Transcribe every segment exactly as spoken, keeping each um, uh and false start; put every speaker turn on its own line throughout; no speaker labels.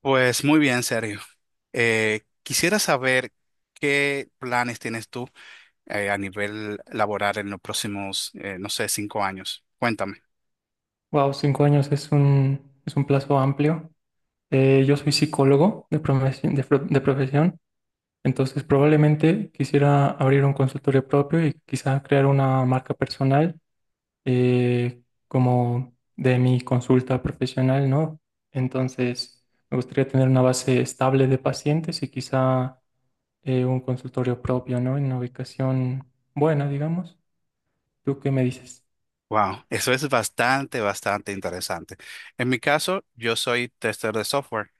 Pues muy bien, Sergio. Eh, quisiera saber qué planes tienes tú eh, a nivel laboral en los próximos, eh, no sé, cinco años. Cuéntame.
Wow, cinco años es un, es un plazo amplio. Eh, yo soy psicólogo de profesión, de, pro- de profesión, entonces probablemente quisiera abrir un consultorio propio y quizá crear una marca personal, eh, como de mi consulta profesional, ¿no? Entonces me gustaría tener una base estable de pacientes y quizá eh, un consultorio propio, ¿no? En una ubicación buena, digamos. ¿Tú qué me dices?
Wow, eso es bastante, bastante interesante. En mi caso, yo soy tester de software.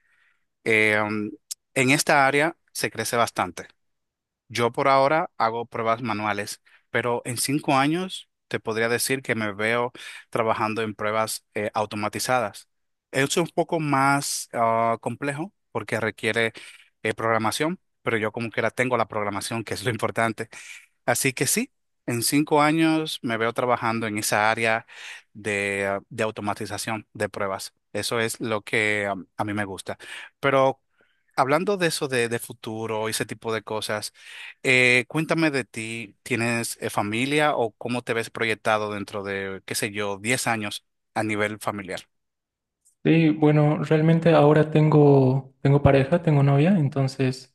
Eh, um, en esta área se crece bastante. Yo por ahora hago pruebas manuales, pero en cinco años te podría decir que me veo trabajando en pruebas eh, automatizadas. Es un poco más ah, complejo porque requiere eh, programación, pero yo como que la tengo la programación, que es lo importante. Así que sí, en cinco años me veo trabajando en esa área de, ah, de automatización de pruebas. Eso es lo que ah, a mí me gusta. Pero hablando de eso de, de futuro y ese tipo de cosas, eh, cuéntame de ti. ¿Tienes eh, familia o cómo te ves proyectado dentro de, qué sé yo, diez años a nivel familiar?
Sí, bueno, realmente ahora tengo, tengo pareja, tengo novia, entonces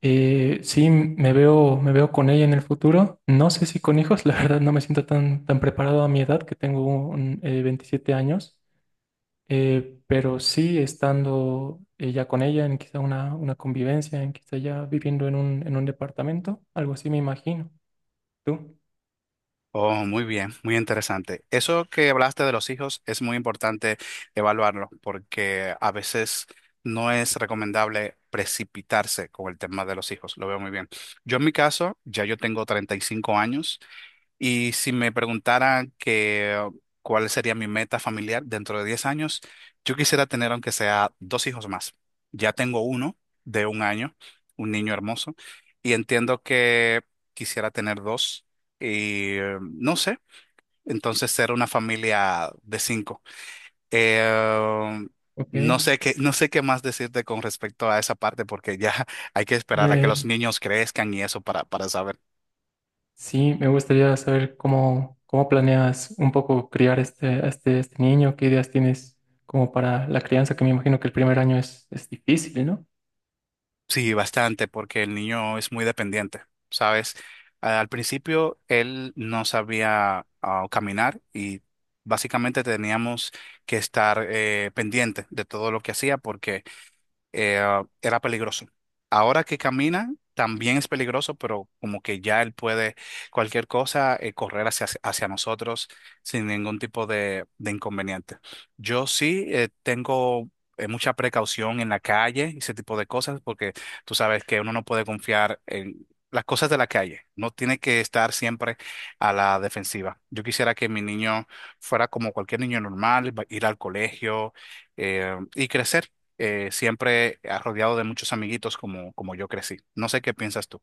eh, sí me veo, me veo con ella en el futuro. No sé si con hijos. La verdad no me siento tan, tan preparado a mi edad, que tengo un, eh, veintisiete años, eh, pero sí estando eh, ya con ella en quizá una, una convivencia, en quizá ya viviendo en un, en un departamento, algo así me imagino. ¿Tú?
Oh, muy bien, muy interesante. Eso que hablaste de los hijos es muy importante evaluarlo porque a veces no es recomendable precipitarse con el tema de los hijos. Lo veo muy bien. Yo en mi caso, ya yo tengo treinta y cinco años. Y si me preguntaran que uh, cuál sería mi meta familiar dentro de diez años, yo quisiera tener aunque sea dos hijos más. Ya tengo uno de un año, un niño hermoso, y entiendo que quisiera tener dos y eh, no sé, entonces ser una familia de cinco. Eh,
Ok.
no
Eh,
sé qué, no sé qué más decirte con respecto a esa parte porque ya hay que esperar a que
Eh,
los niños crezcan y eso para, para saber.
Sí, me gustaría saber cómo, cómo planeas un poco criar este, a este, este niño, qué ideas tienes como para la crianza, que me imagino que el primer año es, es difícil, ¿no?
Sí, bastante, porque el niño es muy dependiente, ¿sabes? Al principio él no sabía ah, caminar y básicamente teníamos que estar eh, pendiente de todo lo que hacía porque eh, era peligroso. Ahora que camina, también es peligroso, pero como que ya él puede cualquier cosa eh, correr hacia, hacia nosotros sin ningún tipo de, de inconveniente. Yo sí eh, tengo eh, mucha precaución en la calle y ese tipo de cosas, porque tú sabes que uno no puede confiar en las cosas de la calle. No tiene que estar siempre a la defensiva. Yo quisiera que mi niño fuera como cualquier niño normal, va- ir al colegio eh, y crecer eh, siempre eh, rodeado de muchos amiguitos como, como yo crecí. No sé qué piensas tú.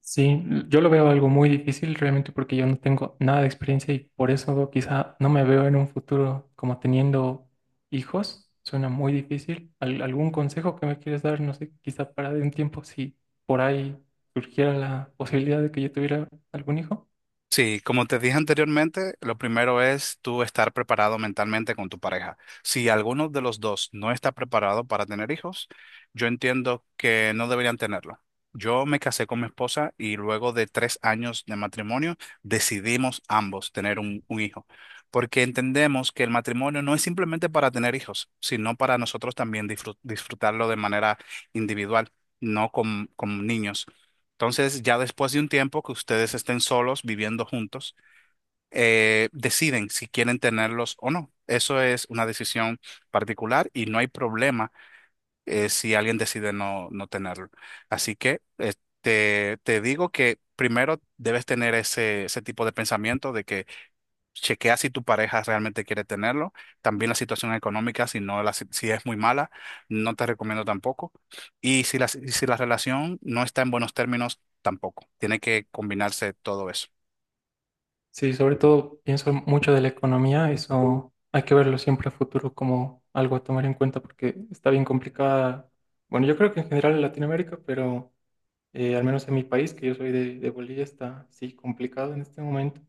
Sí, yo lo veo algo muy difícil realmente porque yo no tengo nada de experiencia y por eso quizá no me veo en un futuro como teniendo hijos. Suena muy difícil. ¿Al- algún consejo que me quieres dar? No sé, quizá para de un tiempo si por ahí surgiera la posibilidad de que yo tuviera algún hijo.
Sí, como te dije anteriormente, lo primero es tú estar preparado mentalmente con tu pareja. Si alguno de los dos no está preparado para tener hijos, yo entiendo que no deberían tenerlo. Yo me casé con mi esposa y luego de tres años de matrimonio decidimos ambos tener un, un hijo, porque entendemos que el matrimonio no es simplemente para tener hijos, sino para nosotros también disfrut- disfrutarlo de manera individual, no con con niños. Entonces, ya después de un tiempo que ustedes estén solos viviendo juntos, eh, deciden si quieren tenerlos o no. Eso es una decisión particular y no hay problema eh, si alguien decide no, no tenerlo. Así que eh, te, te digo que primero debes tener ese, ese tipo de pensamiento. De que Chequea si tu pareja realmente quiere tenerlo. También la situación económica, si no la si si es muy mala, no te recomiendo tampoco. Y si la, y si la relación no está en buenos términos, tampoco. Tiene que combinarse todo eso.
Sí, sobre todo pienso mucho de la economía, eso hay que verlo siempre a futuro como algo a tomar en cuenta porque está bien complicada. Bueno, yo creo que en general en Latinoamérica, pero eh, al menos en mi país, que yo soy de, de Bolivia, está sí complicado en este momento.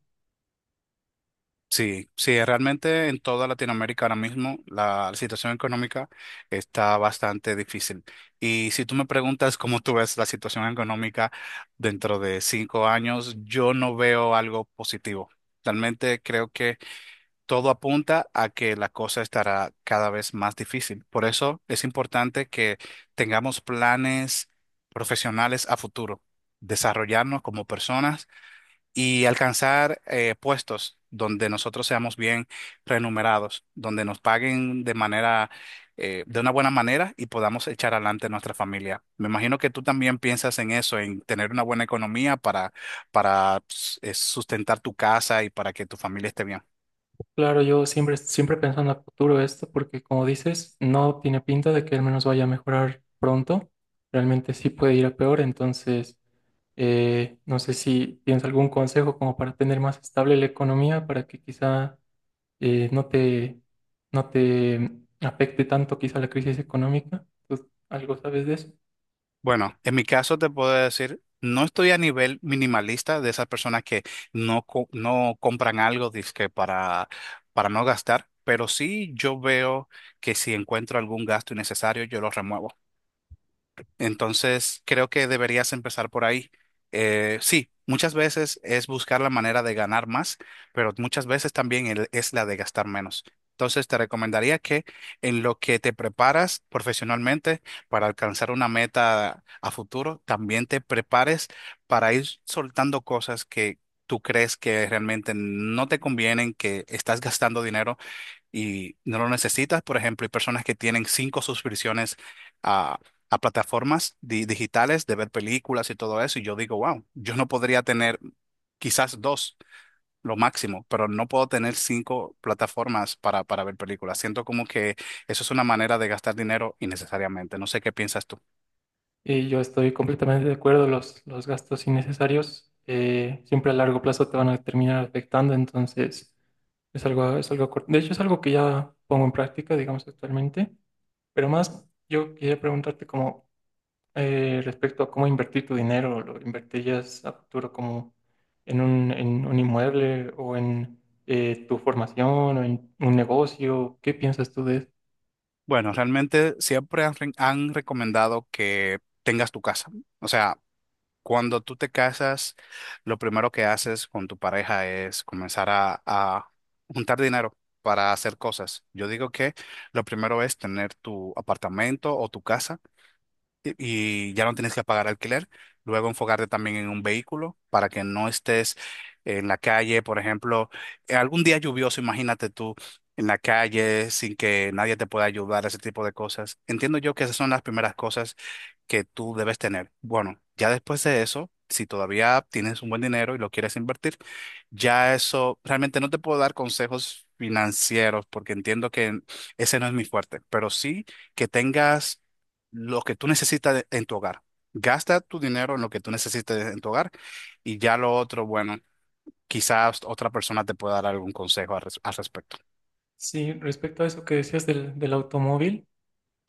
Sí, sí, realmente en toda Latinoamérica ahora mismo la situación económica está bastante difícil. Y si tú me preguntas cómo tú ves la situación económica dentro de cinco años, yo no veo algo positivo. Realmente creo que todo apunta a que la cosa estará cada vez más difícil. Por eso es importante que tengamos planes profesionales a futuro, desarrollarnos como personas y alcanzar eh, puestos donde nosotros seamos bien remunerados, donde nos paguen de manera, eh, de una buena manera, y podamos echar adelante nuestra familia. Me imagino que tú también piensas en eso, en tener una buena economía para, para eh, sustentar tu casa y para que tu familia esté bien.
Claro, yo siempre, siempre pensando a futuro esto porque como dices, no tiene pinta de que al menos vaya a mejorar pronto, realmente sí puede ir a peor, entonces eh, no sé si tienes algún consejo como para tener más estable la economía, para que quizá eh, no te, no te afecte tanto quizá la crisis económica. ¿Tú algo sabes de eso?
Bueno, en mi caso te puedo decir, no estoy a nivel minimalista de esas personas que no, co- no compran algo dizque para, para no gastar, pero sí yo veo que si encuentro algún gasto innecesario, yo lo remuevo. Entonces, creo que deberías empezar por ahí. Eh, sí, muchas veces es buscar la manera de ganar más, pero muchas veces también el- es la de gastar menos. Entonces, te recomendaría que en lo que te preparas profesionalmente para alcanzar una meta a futuro, también te prepares para ir soltando cosas que tú crees que realmente no te convienen, que estás gastando dinero y no lo necesitas. Por ejemplo, hay personas que tienen cinco suscripciones a, a plataformas di- digitales de ver películas y todo eso. Y yo digo, wow, yo no podría tener quizás dos, lo máximo, pero no puedo tener cinco plataformas para, para ver películas. Siento como que eso es una manera de gastar dinero innecesariamente. No sé qué piensas tú.
Y yo estoy completamente de acuerdo, los, los gastos innecesarios eh, siempre a largo plazo te van a terminar afectando, entonces es algo, es algo cor- de hecho, es algo que ya pongo en práctica, digamos, actualmente, pero más yo quería preguntarte como... Eh, respecto a cómo invertir tu dinero, ¿lo invertirías a futuro como en un, en un inmueble o en eh, tu formación o en un negocio? ¿Qué piensas tú de eso?
Bueno, realmente siempre han, re- han recomendado que tengas tu casa. O sea, cuando tú te casas, lo primero que haces con tu pareja es comenzar a, a juntar dinero para hacer cosas. Yo digo que lo primero es tener tu apartamento o tu casa y ya no tienes que pagar alquiler. Luego enfocarte también en un vehículo para que no estés en la calle, por ejemplo, en algún día lluvioso, imagínate tú en la calle sin que nadie te pueda ayudar, ese tipo de cosas. Entiendo yo que esas son las primeras cosas que tú debes tener. Bueno, ya después de eso, si todavía tienes un buen dinero y lo quieres invertir, ya eso realmente no te puedo dar consejos financieros porque entiendo que ese no es mi fuerte, pero sí que tengas lo que tú necesitas en tu hogar. Gasta tu dinero en lo que tú necesites en tu hogar y ya lo otro, bueno, quizás otra persona te pueda dar algún consejo al, res- al respecto.
Sí, respecto a eso que decías del, del automóvil.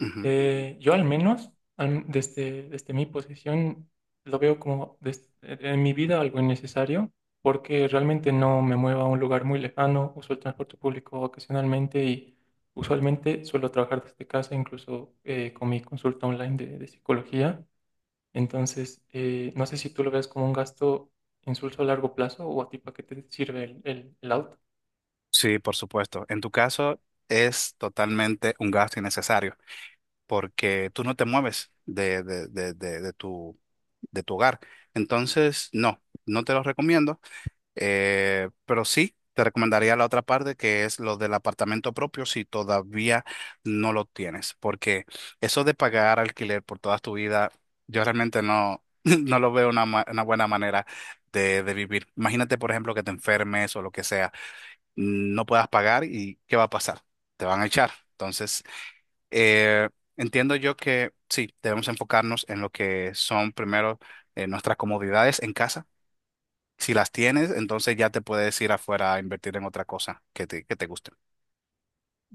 Ujú.
Eh, yo al menos, al- desde, desde mi posición, lo veo como des- e-, en mi vida algo innecesario, porque realmente no me muevo a un lugar muy lejano, uso el transporte público ocasionalmente y usualmente suelo trabajar desde casa, incluso eh, con mi consulta online de, de psicología. Entonces, eh, no sé si tú lo ves como un gasto insulso a largo plazo o a ti para qué te sirve el, el, el auto.
Sí, por supuesto. En tu caso es totalmente un gasto innecesario porque tú no te mueves de, de, de, de, de tu, de tu hogar. Entonces, no, no te lo recomiendo. Eh, pero sí, te recomendaría la otra parte que es lo del apartamento propio si todavía no lo tienes, porque eso de pagar alquiler por toda tu vida, yo realmente no, no lo veo una, ma- una buena manera de, de vivir. Imagínate, por ejemplo, que te enfermes o lo que sea, no puedas pagar y ¿qué va a pasar? Te van a echar. Entonces, eh, entiendo yo que sí, debemos enfocarnos en lo que son primero eh, nuestras comodidades en casa si las tienes, entonces ya te puedes ir afuera a invertir en otra cosa que te, que te guste.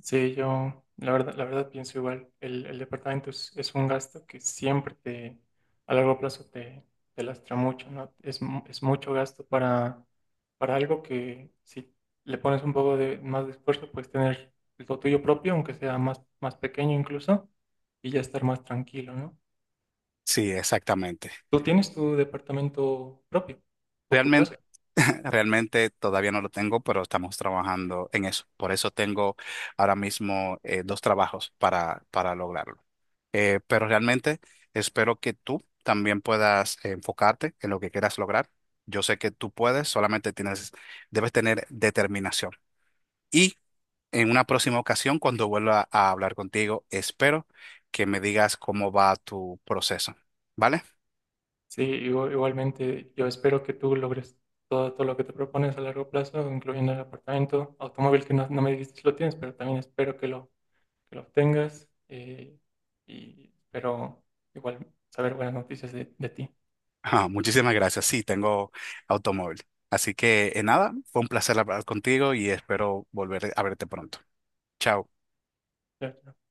Sí, yo la verdad, la verdad pienso igual. El, el departamento es, es un gasto que siempre te, a largo plazo te, te lastra mucho, ¿no? Es, mu- es mucho gasto para, para algo que si le pones un poco de más de esfuerzo, puedes tener lo tuyo propio, aunque sea más, más pequeño incluso, y ya estar más tranquilo, ¿no?
Sí, exactamente.
¿Tú tienes tu departamento propio o tu
Realmente,
casa?
realmente todavía no lo tengo, pero estamos trabajando en eso. Por eso tengo ahora mismo eh, dos trabajos para, para lograrlo. Eh, pero realmente espero que tú también puedas eh, enfocarte en lo que quieras lograr. Yo sé que tú puedes, solamente tienes, debes tener determinación. Y en una próxima ocasión, cuando vuelva a hablar contigo, espero que me digas cómo va tu proceso, ¿vale?
Sí, igu- igualmente yo espero que tú logres todo, todo lo que te propones a largo plazo, incluyendo el apartamento, automóvil que no, no me dijiste si lo tienes, pero también espero que lo, que lo obtengas, eh, y espero igual saber buenas noticias de, de ti.
Ah, muchísimas gracias. Sí, tengo automóvil. Así que, eh, nada, fue un placer hablar contigo y espero volver a verte pronto. Chao.
Chao, chao.